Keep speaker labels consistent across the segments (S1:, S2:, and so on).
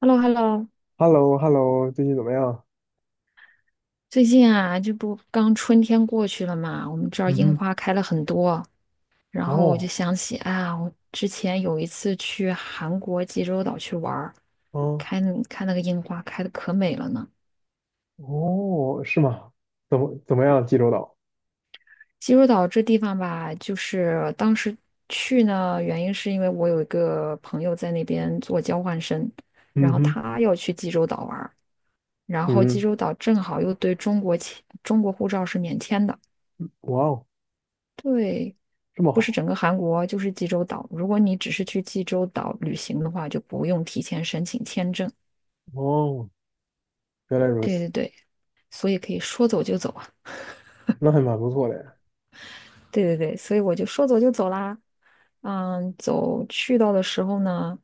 S1: Hello,Hello,
S2: hello hello 最近怎么样？
S1: 最近啊，这不刚春天过去了嘛，我们这儿
S2: 嗯
S1: 樱
S2: 哼，
S1: 花开了很多，然后我就
S2: 哦，
S1: 想起啊，我之前有一次去韩国济州岛去玩儿，
S2: 嗯，
S1: 看看那个樱花开的可美了呢。
S2: 哦，是吗？怎么样？济州岛？
S1: 济州岛这地方吧，就是当时去呢，原因是因为我有一个朋友在那边做交换生，然
S2: 嗯
S1: 后
S2: 哼，
S1: 他要去济州岛玩儿，然后济
S2: 嗯，
S1: 州岛正好又对中国签中国护照是免签的。
S2: 哇哦，
S1: 对，
S2: 这么
S1: 不是
S2: 好？
S1: 整个韩国，就是济州岛。如果你只是去济州岛旅行的话，就不用提前申请签证。
S2: 哦，原来如
S1: 对
S2: 此，
S1: 对对，所以可以说走就走啊。
S2: 那还蛮不错的。
S1: 对对对，所以我就说走就走啦。嗯，走去到的时候呢，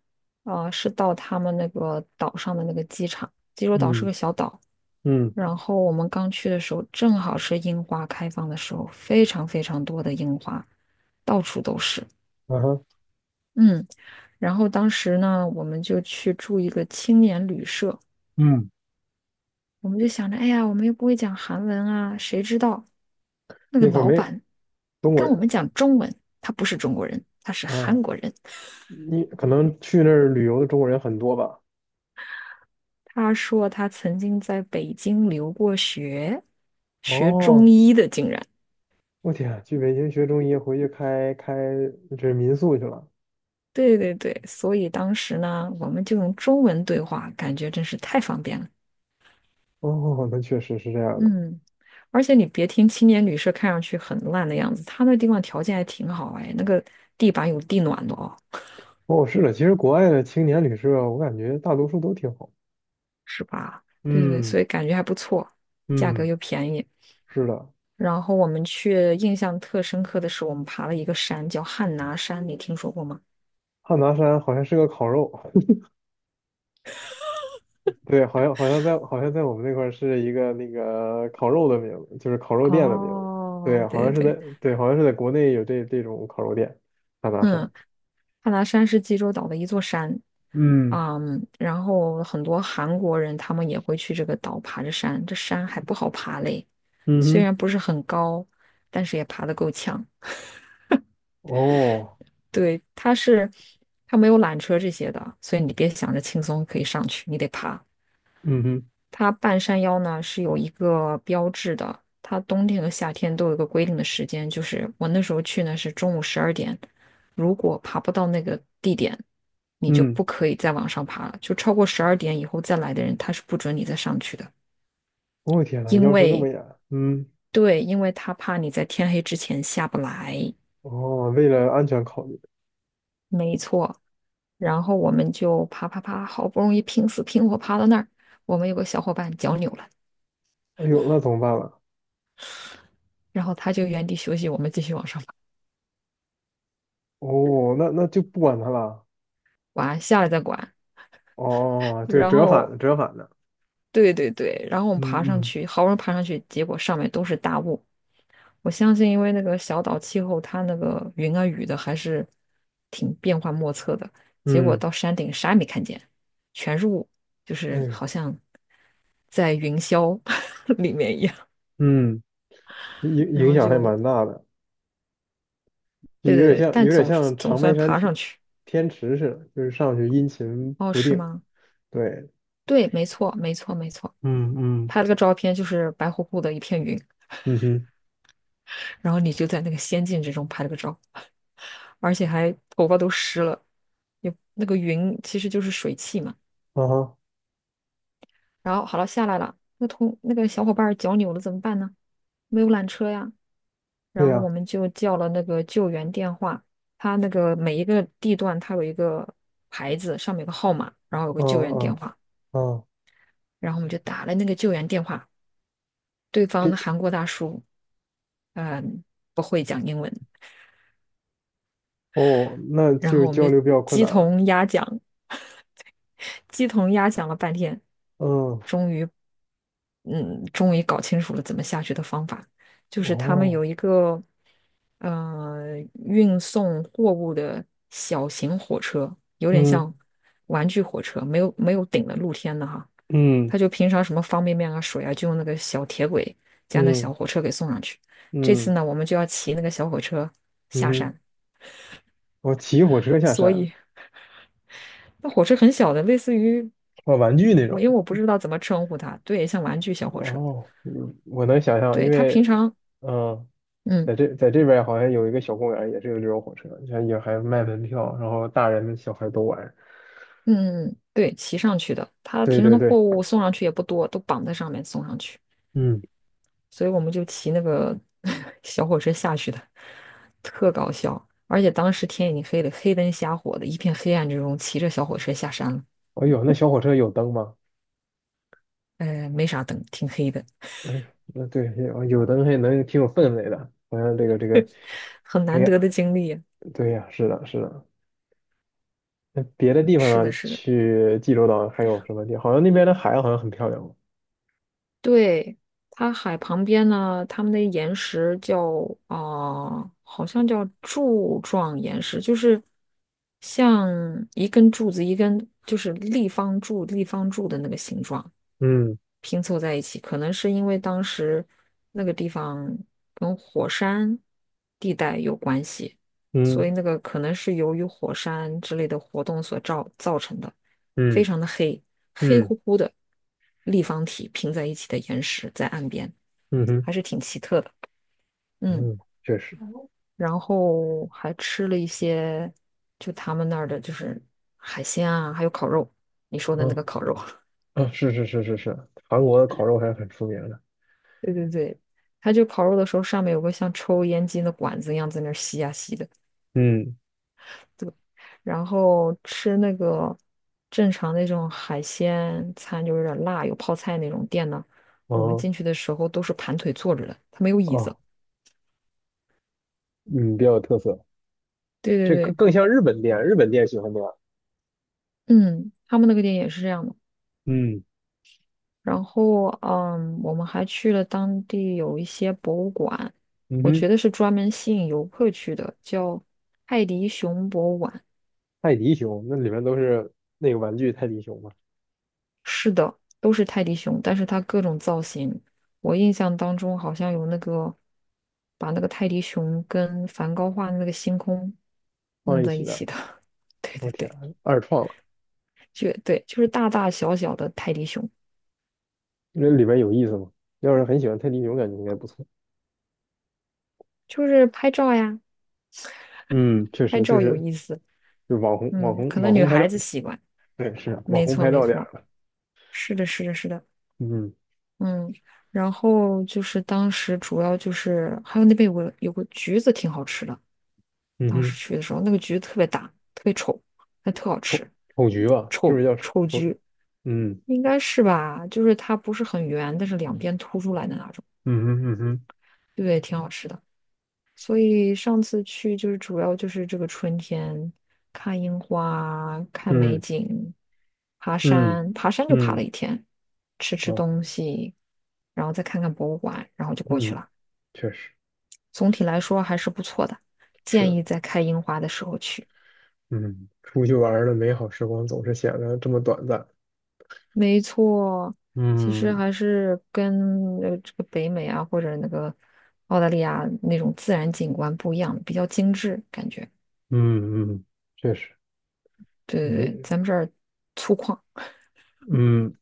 S1: 啊，是到他们那个岛上的那个机场。济州岛是
S2: 嗯
S1: 个小岛，
S2: 嗯，
S1: 然后我们刚去的时候，正好是樱花开放的时候，非常非常多的樱花，到处都是。
S2: 啊哈，
S1: 嗯。然后当时呢，我们就去住一个青年旅社，
S2: 嗯，
S1: 我们就想着，哎呀，我们又不会讲韩文啊，谁知道那个
S2: 那块儿
S1: 老
S2: 没
S1: 板
S2: 中国
S1: 跟我
S2: 人
S1: 们讲中文，他不是中国人，他是
S2: 啊，
S1: 韩国人。
S2: 你可能去那儿旅游的中国人很多吧？
S1: 他说他曾经在北京留过学，学中
S2: 哦，
S1: 医的，竟然。
S2: 我天啊，去北京学中医，回去开这民宿去了。
S1: 对对对，所以当时呢，我们就用中文对话，感觉真是太方便了。
S2: 哦 那确实是这样的。
S1: 嗯，而且你别听青年旅社看上去很烂的样子，它那地方条件还挺好哎，那个地板有地暖的哦，
S2: 哦，是的，其实国外的青年旅社，我感觉大多数都挺好。
S1: 是吧？对对对，所
S2: 嗯
S1: 以感觉还不错，价格
S2: 嗯，
S1: 又便宜。
S2: 是的，
S1: 然后我们去印象特深刻的是，我们爬了一个山叫汉拿山，你听说过吗？
S2: 汉拿山好像是个烤肉，对，好像好像在好像在我们那块儿是一个那个烤肉的名字，就是烤肉店的名字。
S1: 哦，
S2: 对，好
S1: 对
S2: 像
S1: 对
S2: 是在
S1: 对，
S2: 对，好像是在国内有这种烤肉店，汉拿山。
S1: 嗯，汉拿山是济州岛的一座山，
S2: 嗯
S1: 嗯，然后很多韩国人他们也会去这个岛爬着山，这山还不好爬嘞，
S2: 嗯
S1: 虽
S2: 哼，
S1: 然不是很高，但是也爬得够呛。
S2: 哦，
S1: 对，它是它没有缆车这些的，所以你别想着轻松可以上去，你得爬。
S2: 嗯哼，
S1: 它半山腰呢是有一个标志的，它冬天和夏天都有一个规定的时间，就是我那时候去呢是中午十二点，如果爬不到那个地点，你就
S2: 嗯
S1: 不可以再往上爬了，就超过十二点以后再来的人，他是不准你再上去的，
S2: 我、天呐，
S1: 因
S2: 要求这么
S1: 为
S2: 严。嗯，
S1: 对，因为他怕你在天黑之前下不来，
S2: 哦，为了安全考虑，
S1: 没错。然后我们就爬爬爬，好不容易拼死拼活爬到那儿，我们有个小伙伴脚扭了，
S2: 哎呦，那怎么办了？
S1: 然后他就原地休息，我们继续往上爬。
S2: 哦，那就不管他了。
S1: 管，下来再管。
S2: 哦，这个
S1: 然
S2: 折
S1: 后
S2: 返折返的，
S1: 对对对，然后我们
S2: 嗯
S1: 爬上
S2: 嗯，
S1: 去，好不容易爬上去，结果上面都是大雾。我相信，因为那个小岛气候，它那个云啊雨的还是挺变幻莫测的。结果
S2: 嗯，
S1: 到山顶啥也没看见，全是雾，就
S2: 哎
S1: 是
S2: 呦，
S1: 好像在云霄 里面一样。
S2: 嗯，影
S1: 然
S2: 影
S1: 后
S2: 响还
S1: 就
S2: 蛮大的，就
S1: 对
S2: 有
S1: 对
S2: 点
S1: 对，
S2: 像
S1: 但
S2: 有点
S1: 总是
S2: 像
S1: 总
S2: 长白
S1: 算
S2: 山
S1: 爬上
S2: 天
S1: 去。
S2: 天池似的，就是上去阴晴
S1: 哦，
S2: 不
S1: 是
S2: 定。
S1: 吗？
S2: 对，
S1: 对，没错，没错，没错。
S2: 嗯嗯，
S1: 拍了个照片，就是白乎乎的一片云，
S2: 嗯哼，
S1: 然后你就在那个仙境之中拍了个照。而且还头发都湿了，有那个云其实就是水汽嘛。
S2: 啊哈，
S1: 然后好了，下来了，那同那个小伙伴儿脚扭了怎么办呢？没有缆车呀，
S2: 对
S1: 然后
S2: 呀，
S1: 我们就叫了那个救援电话，它那个每一个地段它有一个牌子，上面有个号码，然后有个
S2: 啊
S1: 救援电
S2: 啊
S1: 话，
S2: 啊，
S1: 然后我们就打了那个救援电话，对方
S2: 给
S1: 的韩国大叔，嗯，不会讲英文，
S2: 哦，那
S1: 然
S2: 就
S1: 后我们
S2: 交
S1: 就
S2: 流比较困
S1: 鸡
S2: 难了。
S1: 同鸭讲，鸡同鸭讲了半天，
S2: 嗯，
S1: 终于，嗯，终于搞清楚了怎么下去的方法。就是他们
S2: 哦，
S1: 有一个，呃，运送货物的小型火车，有点
S2: 嗯
S1: 像玩具火车，没有顶的露天的哈。
S2: 嗯
S1: 他就平常什么方便面啊、水啊，就用那个小铁轨加那
S2: 嗯
S1: 小火车给送上去。这
S2: 嗯
S1: 次呢，我们就要骑那个小火车
S2: 嗯
S1: 下
S2: 哼，
S1: 山，
S2: 我骑火车下
S1: 所
S2: 山，
S1: 以。那火车很小的，类似于
S2: 啊，玩具那
S1: 我，
S2: 种。
S1: 因为我不知道怎么称呼它，对，像玩具小火车，
S2: 哦，嗯我能想象，因
S1: 对，它
S2: 为，
S1: 平常，
S2: 嗯，
S1: 嗯
S2: 在这边儿好像有一个小公园儿也是有这种火车，像也还卖门票，然后大人小孩都玩。
S1: 嗯，对，骑上去的，它
S2: 对
S1: 平常
S2: 对
S1: 的货
S2: 对，
S1: 物送上去也不多，都绑在上面送上去，
S2: 嗯，
S1: 所以我们就骑那个 小火车下去的，特搞笑。而且当时天已经黑了，黑灯瞎火的，一片黑暗之中，骑着小火车下山了，
S2: 哎呦，那小火车有灯吗？
S1: 没啥灯，挺黑的，
S2: 哎呦，那对，有灯还能挺有氛围的，好像这个，
S1: 很
S2: 哎
S1: 难
S2: 呀，
S1: 得的经历啊。
S2: 对呀，是的，是的。那别的地方
S1: 是的，
S2: 呢？
S1: 是的。
S2: 去济州岛还有什么地？好像那边的海好像很漂亮哦。
S1: 对，它海旁边呢，它们的岩石叫啊、好像叫柱状岩石，就是像一根柱子，一根就是立方柱、立方柱的那个形状。
S2: 嗯
S1: 拼凑在一起，可能是因为当时那个地方跟火山地带有关系，所
S2: 嗯
S1: 以那个可能是由于火山之类的活动所造成的，非
S2: 嗯
S1: 常的黑，黑
S2: 嗯
S1: 乎乎的立方体拼在一起的岩石在岸边，
S2: 嗯哼
S1: 还是挺奇特的。嗯，
S2: 嗯，确实。
S1: 然后还吃了一些就他们那儿的就是海鲜啊，还有烤肉，你说的那
S2: 啊。
S1: 个烤肉。
S2: 啊，是是是是是，韩国的烤肉还是很出名的。
S1: 对对对，它就烤肉的时候上面有个像抽烟机的管子一样在那儿吸呀吸的，
S2: 嗯，
S1: 然后吃那个正常那种海鲜餐就有点辣，有泡菜那种店呢，我们
S2: 哦
S1: 进去的时候都是盘腿坐着的，它没有椅子。
S2: 哦，嗯，比较有特色。
S1: 对对
S2: 这更
S1: 对，
S2: 更像日本店，日本店喜欢那样。
S1: 嗯，他们那个店也是这样的。
S2: 嗯
S1: 然后嗯，我们还去了当地有一些博物馆，
S2: 嗯
S1: 我觉
S2: 哼，
S1: 得是专门吸引游客去的，叫泰迪熊博物馆。
S2: 泰迪熊那里面都是那个玩具泰迪熊嘛，
S1: 是的，都是泰迪熊，但是它各种造型，我印象当中好像有那个把那个泰迪熊跟梵高画的那个星空弄
S2: 放一
S1: 在
S2: 起
S1: 一起
S2: 的。
S1: 的。对
S2: 我
S1: 对
S2: 天，
S1: 对，
S2: 二创了，
S1: 就对，就是大大小小的泰迪熊，
S2: 那里面有意思吗？要是很喜欢泰迪熊，感觉应该不错。
S1: 就是拍照呀，
S2: 嗯确
S1: 拍
S2: 实，就
S1: 照有
S2: 是
S1: 意思。
S2: 就网红网
S1: 嗯，
S2: 红
S1: 可
S2: 网
S1: 能女
S2: 红拍照，
S1: 孩子喜欢。
S2: 对，是啊网
S1: 没
S2: 红
S1: 错
S2: 拍
S1: 没
S2: 照点儿
S1: 错，
S2: 了。
S1: 是的是的是的，
S2: 嗯
S1: 嗯。然后就是当时主要就是还有那边有个橘子挺好吃的，
S2: 嗯
S1: 当时
S2: 哼，
S1: 去的时候，那个橘子特别大，特别丑，但特好
S2: 丑
S1: 吃，
S2: 丑橘吧，是不
S1: 丑
S2: 是叫
S1: 丑
S2: 丑？
S1: 橘
S2: 嗯
S1: 应该是吧？就是它不是很圆，但是两边凸出来的那种，
S2: 嗯哼嗯哼
S1: 对，挺好吃的。所以上次去就是主要就是这个春天，看樱花，看美
S2: 嗯
S1: 景，爬
S2: 嗯
S1: 山，爬山就爬了
S2: 嗯。
S1: 一天，吃吃
S2: 哦，
S1: 东西，然后再看看博物馆，然后就过去
S2: 嗯，
S1: 了。
S2: 确实
S1: 总体来说还是不错的，
S2: 是
S1: 建
S2: 的，
S1: 议在开樱花的时候去。
S2: 嗯，出去玩儿的美好时光总是显得这么短暂。
S1: 没错，其实
S2: 嗯
S1: 还是跟这个北美啊，或者那个澳大利亚那种自然景观不一样，比较精致感觉。
S2: 嗯嗯，确实，
S1: 对对对，
S2: 也
S1: 咱们这儿粗犷。
S2: 嗯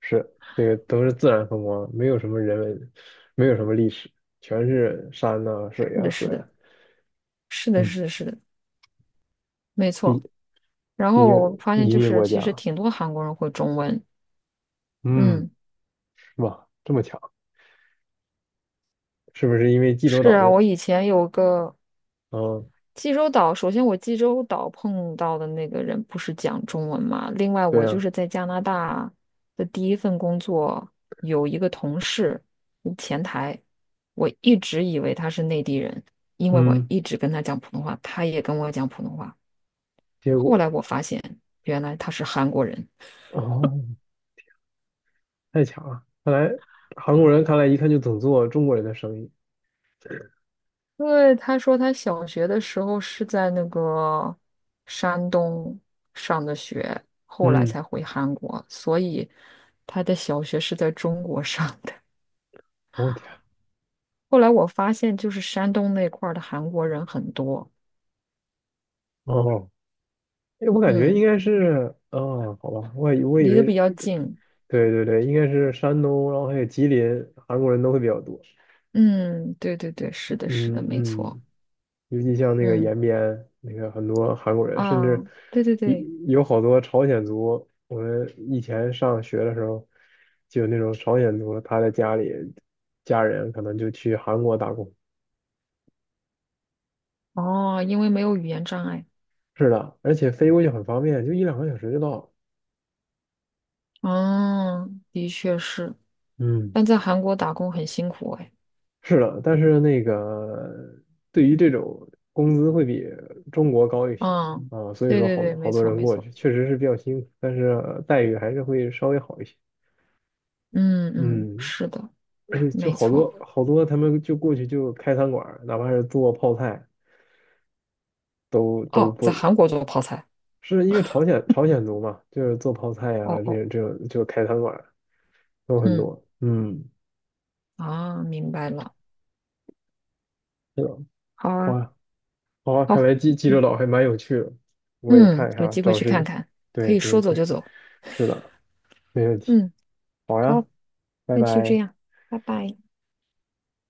S2: 是这个都是自然风光，没有什么人文，没有什么历史，全是山呐、水
S1: 是
S2: 呀、
S1: 的，是
S2: 河
S1: 的，
S2: 呀。
S1: 是的，
S2: 嗯，
S1: 是的，是的，没
S2: 毕
S1: 错。然
S2: 毕
S1: 后我
S2: 竟
S1: 发现
S2: 移
S1: 就
S2: 民
S1: 是，
S2: 国
S1: 其实
S2: 家，
S1: 挺多韩国人会中文。
S2: 嗯，
S1: 嗯，
S2: 是吧？这么强，是不是因为济州
S1: 是
S2: 岛
S1: 啊，
S2: 的？
S1: 我以前有个，
S2: 哦，
S1: 济州岛，首先我济州岛碰到的那个人不是讲中文嘛，另外
S2: 对
S1: 我就
S2: 呀、
S1: 是在加拿大的第一份工作，有一个同事，前台，我一直以为他是内地人，因为我
S2: 嗯，
S1: 一直跟他讲普通话，他也跟我讲普通话，
S2: 结
S1: 后
S2: 果
S1: 来我发现原来他是韩国人。
S2: 哦。太强了！看来韩国人看来一看就懂做中国人的生意。
S1: 对，他说他小学的时候是在那个山东上的学，后来
S2: 嗯，
S1: 才回韩国，所以他的小学是在中国上的。
S2: 我天，
S1: 后来我发现，就是山东那块儿的韩国人很多，
S2: 哦，哎，我感觉应
S1: 嗯，
S2: 该是，哦，好吧，我以我以
S1: 离得
S2: 为
S1: 比较
S2: 一个，
S1: 近，
S2: 对对对，应该是山东，然后还有吉林，韩国人都会比较多。
S1: 嗯，对对对，是的，是的，
S2: 嗯
S1: 没错，
S2: 嗯，尤其像那个
S1: 嗯
S2: 延边，那个很多韩国人，甚
S1: 啊，
S2: 至
S1: 对对
S2: 有
S1: 对，
S2: 有好多朝鲜族。我们以前上学的时候，就有那种朝鲜族，他在家里家人可能就去韩国打工，
S1: 哦，因为没有语言障碍，
S2: 是的，而且飞过去很方便，就一两个小时就到了。
S1: 嗯，的确是，
S2: 嗯，
S1: 但在韩国打工很辛苦哎。
S2: 是的，但是那个对于这种工资会比中国高一些
S1: 嗯，
S2: 啊，所以
S1: 对
S2: 说
S1: 对
S2: 好
S1: 对，
S2: 好
S1: 没
S2: 多
S1: 错
S2: 人
S1: 没
S2: 过
S1: 错，
S2: 去，确实是比较辛苦，但是待遇还是会稍微好一些。
S1: 嗯嗯，
S2: 嗯，
S1: 是的，
S2: 而且就
S1: 没
S2: 好
S1: 错。
S2: 多好多他们就过去就开餐馆儿，哪怕是做泡菜都
S1: 哦，在
S2: 不
S1: 韩国做泡菜，
S2: 是因为朝鲜族嘛，就是做泡菜啊
S1: 哦
S2: 这
S1: 哦，
S2: 种这种就开餐馆儿都很
S1: 嗯
S2: 多。嗯，
S1: 啊，明白了，
S2: 是的，
S1: 好啊，
S2: 哇好啊，看
S1: 好，
S2: 来济州岛还蛮有趣的，我也
S1: 嗯，
S2: 看一
S1: 有
S2: 下，
S1: 机会
S2: 找
S1: 去看
S2: 时，
S1: 看，可
S2: 对
S1: 以说
S2: 对
S1: 走就
S2: 对，
S1: 走，
S2: 是的，没问题。
S1: 嗯，
S2: 好呀，
S1: 好，
S2: 拜
S1: 那就这
S2: 拜。
S1: 样，拜拜。